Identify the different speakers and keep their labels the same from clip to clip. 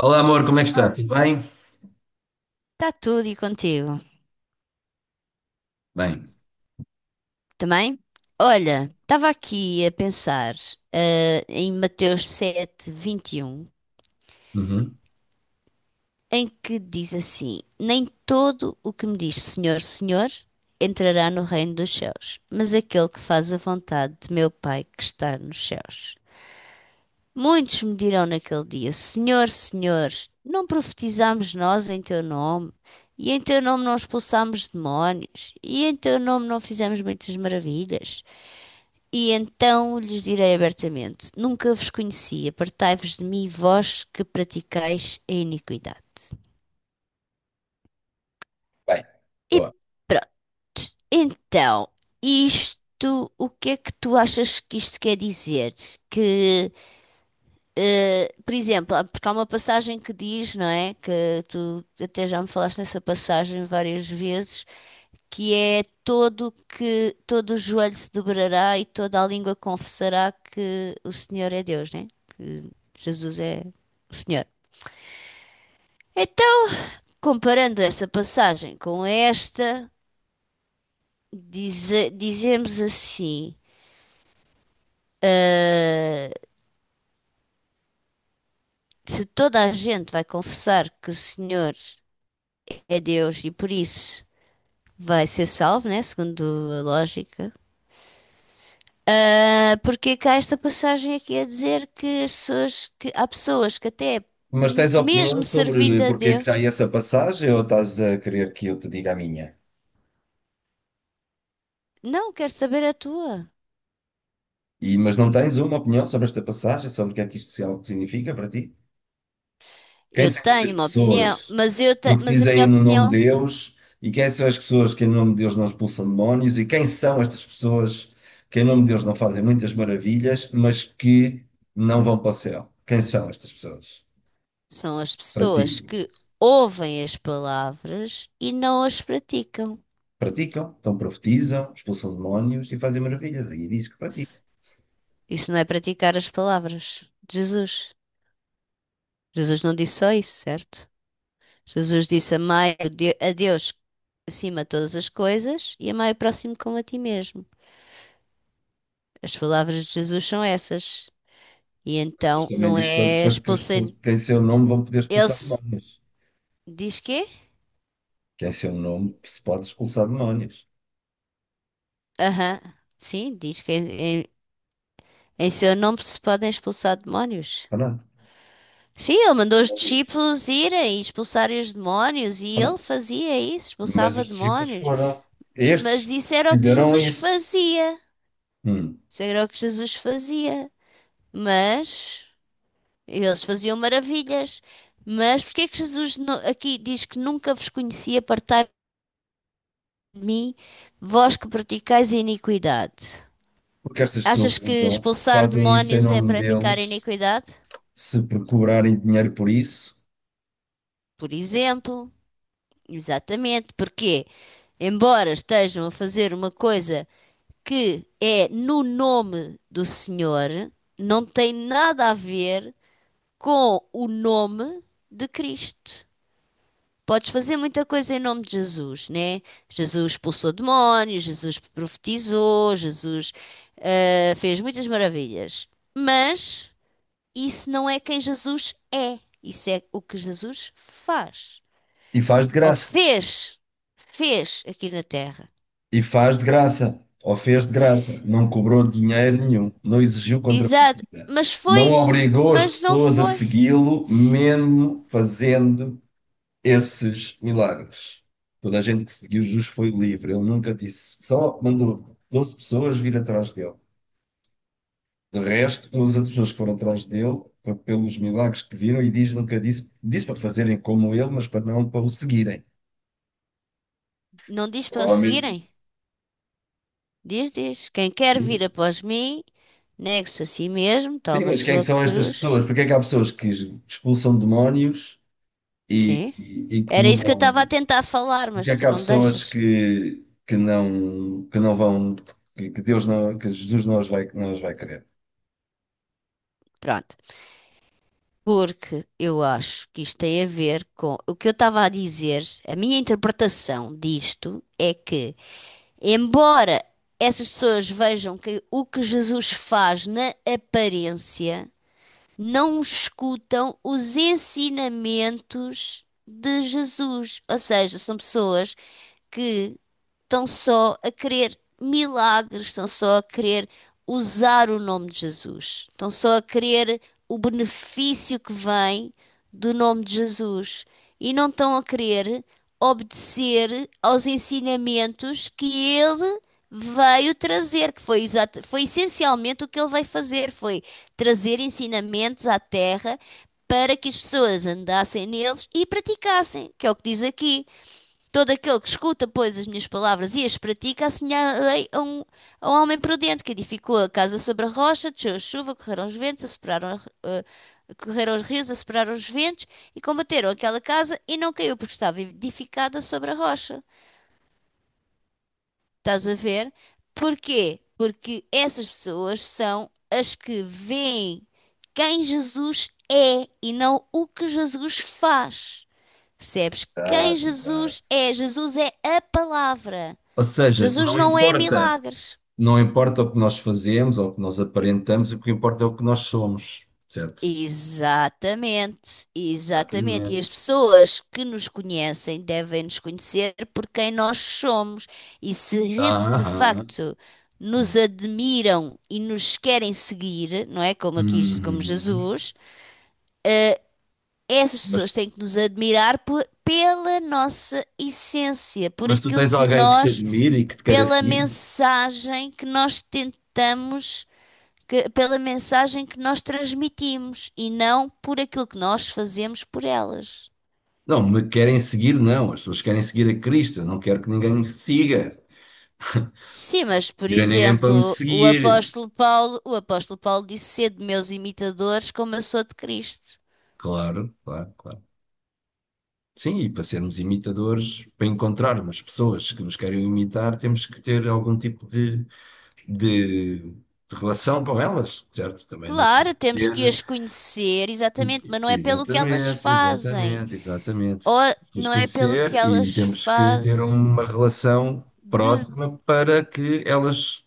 Speaker 1: Olá, amor, como é que está?
Speaker 2: Está
Speaker 1: Tudo bem?
Speaker 2: tudo e contigo
Speaker 1: Bem.
Speaker 2: também? Olha, estava aqui a pensar ah, em Mateus 7:21,
Speaker 1: Uhum.
Speaker 2: em que diz assim: "Nem todo o que me diz Senhor, Senhor entrará no reino dos céus, mas aquele que faz a vontade de meu Pai que está nos céus. Muitos me dirão naquele dia: Senhor, Senhor, não profetizámos nós em teu nome? E em teu nome não expulsámos demónios? E em teu nome não fizemos muitas maravilhas? E então lhes direi abertamente: Nunca vos conheci, apartai-vos de mim, vós que praticais a iniquidade."
Speaker 1: Bem,
Speaker 2: E
Speaker 1: boa.
Speaker 2: pronto, então, isto, o que é que tu achas que isto quer dizer? Que, por exemplo, porque há uma passagem que diz, não é? Que tu até já me falaste nessa passagem várias vezes, que é todo que todo o joelho se dobrará e toda a língua confessará que o Senhor é Deus, né? Que Jesus é o Senhor. Então, comparando essa passagem com esta, dizemos assim: ah, se toda a gente vai confessar que o Senhor é Deus e por isso vai ser salvo, né? Segundo a lógica. Ah, porque cá esta passagem aqui a dizer que as pessoas que há pessoas que até
Speaker 1: Mas tens opinião
Speaker 2: mesmo
Speaker 1: sobre
Speaker 2: servindo a
Speaker 1: porque é que
Speaker 2: Deus,
Speaker 1: há essa passagem ou estás a querer que eu te diga a minha?
Speaker 2: não quero saber a tua.
Speaker 1: E, mas não tens uma opinião sobre esta passagem, sobre o que é que isto se- algo significa para ti? Quem
Speaker 2: Eu
Speaker 1: são estas
Speaker 2: tenho uma opinião,
Speaker 1: pessoas que
Speaker 2: mas a minha
Speaker 1: profetizem no nome
Speaker 2: opinião
Speaker 1: de Deus? E quem são as pessoas que em nome de Deus não expulsam demónios? E quem são estas pessoas que em nome de Deus não fazem muitas maravilhas, mas que não vão para o céu? Quem são estas pessoas
Speaker 2: são as
Speaker 1: para
Speaker 2: pessoas
Speaker 1: ti?
Speaker 2: que ouvem as palavras e não as praticam.
Speaker 1: Praticam, então profetizam, expulsam demónios e fazem maravilhas. Aqui diz que praticam.
Speaker 2: Isso não é praticar as palavras de Jesus. Jesus não disse só isso, certo? Jesus disse amai a Deus acima de todas as coisas e amai o próximo como a ti mesmo. As palavras de Jesus são essas. E
Speaker 1: Jesus
Speaker 2: então
Speaker 1: também
Speaker 2: não
Speaker 1: diz para,
Speaker 2: é
Speaker 1: para que
Speaker 2: expulsem.
Speaker 1: que em seu nome vão poder
Speaker 2: Ele
Speaker 1: expulsar
Speaker 2: se-
Speaker 1: demónios.
Speaker 2: Diz que?
Speaker 1: Que em seu nome se pode expulsar demónios.
Speaker 2: Aham. Sim, em seu nome se podem expulsar demónios.
Speaker 1: Pronto,
Speaker 2: Sim, ele mandou os
Speaker 1: não diz.
Speaker 2: discípulos irem e expulsarem os demónios e ele
Speaker 1: Pronto.
Speaker 2: fazia isso,
Speaker 1: Mas
Speaker 2: expulsava
Speaker 1: os discípulos
Speaker 2: demónios.
Speaker 1: foram estes
Speaker 2: Mas isso era
Speaker 1: que
Speaker 2: o que
Speaker 1: fizeram
Speaker 2: Jesus
Speaker 1: isso.
Speaker 2: fazia.
Speaker 1: Hum.
Speaker 2: Isso era o que Jesus fazia. Mas eles faziam maravilhas. Mas porque é que Jesus aqui diz que nunca vos conhecia, partai mim, vós que praticais a iniquidade.
Speaker 1: Porque estas pessoas
Speaker 2: Achas que
Speaker 1: usam,
Speaker 2: expulsar
Speaker 1: fazem isso em
Speaker 2: demónios é
Speaker 1: nome
Speaker 2: praticar a
Speaker 1: deles,
Speaker 2: iniquidade?
Speaker 1: se por cobrarem dinheiro por isso,
Speaker 2: Por exemplo, exatamente, porque, embora estejam a fazer uma coisa que é no nome do Senhor, não tem nada a ver com o nome de Cristo. Podes fazer muita coisa em nome de Jesus, né? Jesus expulsou demónios, Jesus profetizou, Jesus fez muitas maravilhas. Mas isso não é quem Jesus é. Isso é o que Jesus faz.
Speaker 1: e faz de
Speaker 2: Ou
Speaker 1: graça.
Speaker 2: fez. Fez aqui na Terra.
Speaker 1: E faz de graça, ou fez de graça, não cobrou dinheiro nenhum, não exigiu
Speaker 2: Exato.
Speaker 1: contrapartida,
Speaker 2: Mas
Speaker 1: não
Speaker 2: foi.
Speaker 1: obrigou as
Speaker 2: Mas não
Speaker 1: pessoas a
Speaker 2: foi.
Speaker 1: segui-lo, mesmo fazendo esses milagres. Toda a gente que seguiu Jesus foi livre, ele nunca disse, só mandou 12 pessoas vir atrás dele. De resto, os outros pessoas que foram atrás dele, foi pelos milagres que viram, e diz, nunca disse, disse para fazerem como ele, mas para não para o seguirem.
Speaker 2: Não diz para o
Speaker 1: Provavelmente.
Speaker 2: seguirem. Diz, diz. Quem quer vir após mim, negue-se a si mesmo,
Speaker 1: Sim,
Speaker 2: toma a
Speaker 1: mas quem é que
Speaker 2: sua
Speaker 1: são estas
Speaker 2: cruz.
Speaker 1: pessoas? Porque é que há pessoas que expulsam demónios e,
Speaker 2: Sim.
Speaker 1: e, e
Speaker 2: Era isso que eu estava a
Speaker 1: curam?
Speaker 2: tentar falar,
Speaker 1: Porque
Speaker 2: mas
Speaker 1: é que
Speaker 2: tu
Speaker 1: há
Speaker 2: não me
Speaker 1: pessoas
Speaker 2: deixas.
Speaker 1: que não vão, que Deus não, que Jesus não não os vai querer?
Speaker 2: Pronto. Porque eu acho que isto tem a ver com o que eu estava a dizer, a minha interpretação disto é que, embora essas pessoas vejam que o que Jesus faz na aparência, não escutam os ensinamentos de Jesus. Ou seja, são pessoas que estão só a querer milagres, estão só a querer usar o nome de Jesus, estão só a querer o benefício que vem do nome de Jesus e não estão a querer obedecer aos ensinamentos que ele veio trazer, que foi, foi essencialmente o que ele veio fazer, foi trazer ensinamentos à Terra para que as pessoas andassem neles e praticassem, que é o que diz aqui. Todo aquele que escuta, pois, as minhas palavras e as pratica, assemelharei a um homem prudente que edificou a casa sobre a rocha, desceu a chuva, correram os ventos, assoperaram, eh, correram os rios, assoperaram os ventos e combateram aquela casa e não caiu porque estava edificada sobre a rocha. Estás a ver? Porquê? Porque essas pessoas são as que veem quem Jesus é e não o que Jesus faz. Percebes? Quem
Speaker 1: Exato, exato.
Speaker 2: Jesus é? Jesus é a palavra.
Speaker 1: Ou seja,
Speaker 2: Jesus
Speaker 1: não
Speaker 2: não é
Speaker 1: importa,
Speaker 2: milagres.
Speaker 1: não importa o que nós fazemos ou o que nós aparentamos, o que importa é o que nós somos, certo?
Speaker 2: Exatamente, exatamente. E as
Speaker 1: Exatamente.
Speaker 2: pessoas que nos conhecem devem nos conhecer por quem nós somos. E se re- de
Speaker 1: Aham.
Speaker 2: facto nos admiram e nos querem seguir, não é? Como aqui, como
Speaker 1: Uhum.
Speaker 2: Jesus, essas pessoas
Speaker 1: Mas,
Speaker 2: têm que nos admirar pela nossa essência, por
Speaker 1: mas tu
Speaker 2: aquilo
Speaker 1: tens
Speaker 2: que
Speaker 1: alguém que te
Speaker 2: nós,
Speaker 1: admire e que te queira
Speaker 2: pela
Speaker 1: seguir?
Speaker 2: mensagem que nós tentamos pela mensagem que nós transmitimos e não por aquilo que nós fazemos por elas.
Speaker 1: Não, me querem seguir, não. As pessoas querem seguir a Cristo. Eu não quero que ninguém me siga.
Speaker 2: Sim, mas por
Speaker 1: Pedir a ninguém para me
Speaker 2: exemplo,
Speaker 1: seguir.
Speaker 2: o apóstolo Paulo disse sede meus imitadores como eu sou de Cristo.
Speaker 1: Claro, claro, claro. Sim, e para sermos imitadores, para encontrarmos pessoas que nos querem imitar, temos que ter algum tipo de relação com elas, certo? Também não
Speaker 2: Claro, temos que
Speaker 1: poder.
Speaker 2: as conhecer, exatamente, mas não é pelo que elas
Speaker 1: Exatamente,
Speaker 2: fazem.
Speaker 1: exatamente, exatamente.
Speaker 2: Ou
Speaker 1: Temos que as
Speaker 2: não é pelo que
Speaker 1: conhecer e
Speaker 2: elas
Speaker 1: temos que ter
Speaker 2: fazem.
Speaker 1: uma relação
Speaker 2: De
Speaker 1: próxima para que elas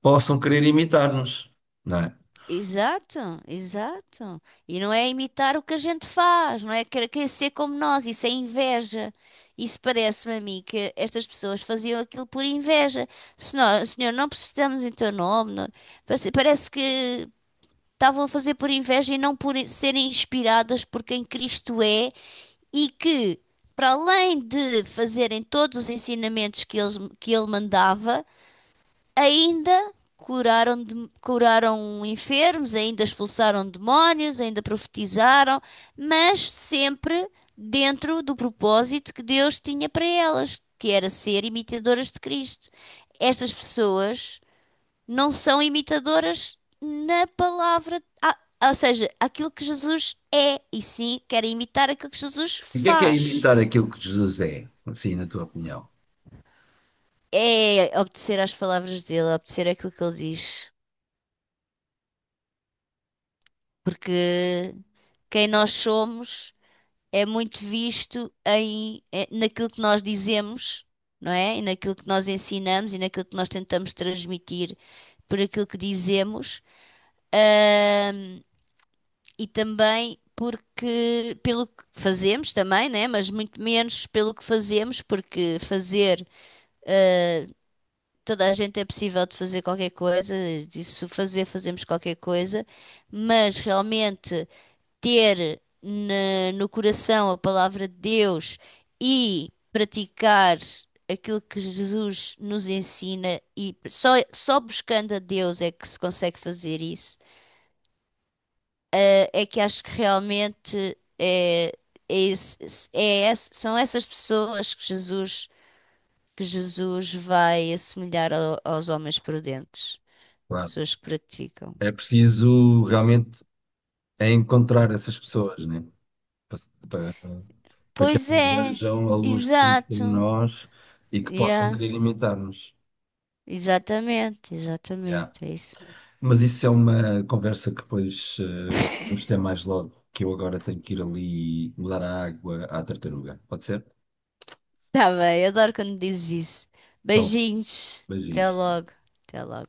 Speaker 1: possam querer imitar-nos, não é?
Speaker 2: Exato, exato. E não é imitar o que a gente faz, não é querer ser como nós, isso é inveja. Isso parece-me a mim que estas pessoas faziam aquilo por inveja. Senhor, senhor, não precisamos em teu nome. Parece, parece que estavam a fazer por inveja e não por serem inspiradas por quem Cristo é e que, para além de fazerem todos os ensinamentos que que ele mandava. Ainda curaram, curaram enfermos, ainda expulsaram demónios, ainda profetizaram, mas sempre dentro do propósito que Deus tinha para elas, que era ser imitadoras de Cristo. Estas pessoas não são imitadoras na palavra, ou seja, aquilo que Jesus é, e sim querem imitar aquilo que Jesus
Speaker 1: O que é
Speaker 2: faz.
Speaker 1: imitar aquilo que Jesus é, assim, na tua opinião?
Speaker 2: É obedecer às palavras dele, obedecer àquilo que ele diz. Porque quem nós somos é muito visto naquilo que nós dizemos, não é? E naquilo que nós ensinamos e naquilo que nós tentamos transmitir por aquilo que dizemos, ahm, e também porque pelo que fazemos também, né? Mas muito menos pelo que fazemos, porque fazer toda a gente é possível de fazer qualquer coisa, disso fazer, fazemos qualquer coisa, mas realmente ter no coração a palavra de Deus e praticar aquilo que Jesus nos ensina, e só buscando a Deus é que se consegue fazer isso. É que acho que realmente é esse- são essas pessoas que Jesus vai assemelhar aos homens prudentes,
Speaker 1: Claro,
Speaker 2: pessoas que praticam.
Speaker 1: é preciso realmente é encontrar essas pessoas, né? Para, para, para que
Speaker 2: Pois
Speaker 1: elas
Speaker 2: é,
Speaker 1: vejam a luz de Cristo em
Speaker 2: exato.
Speaker 1: nós e que possam
Speaker 2: Yeah.
Speaker 1: querer imitar-nos.
Speaker 2: Exatamente,
Speaker 1: Yeah.
Speaker 2: exatamente, é isso mesmo.
Speaker 1: Mas isso é uma conversa que depois podemos ter mais logo, que eu agora tenho que ir ali mudar a água à tartaruga. Pode ser?
Speaker 2: Tá bem, adoro quando dizes isso.
Speaker 1: Então,
Speaker 2: Beijinhos, até
Speaker 1: beijinhos.
Speaker 2: logo, até logo.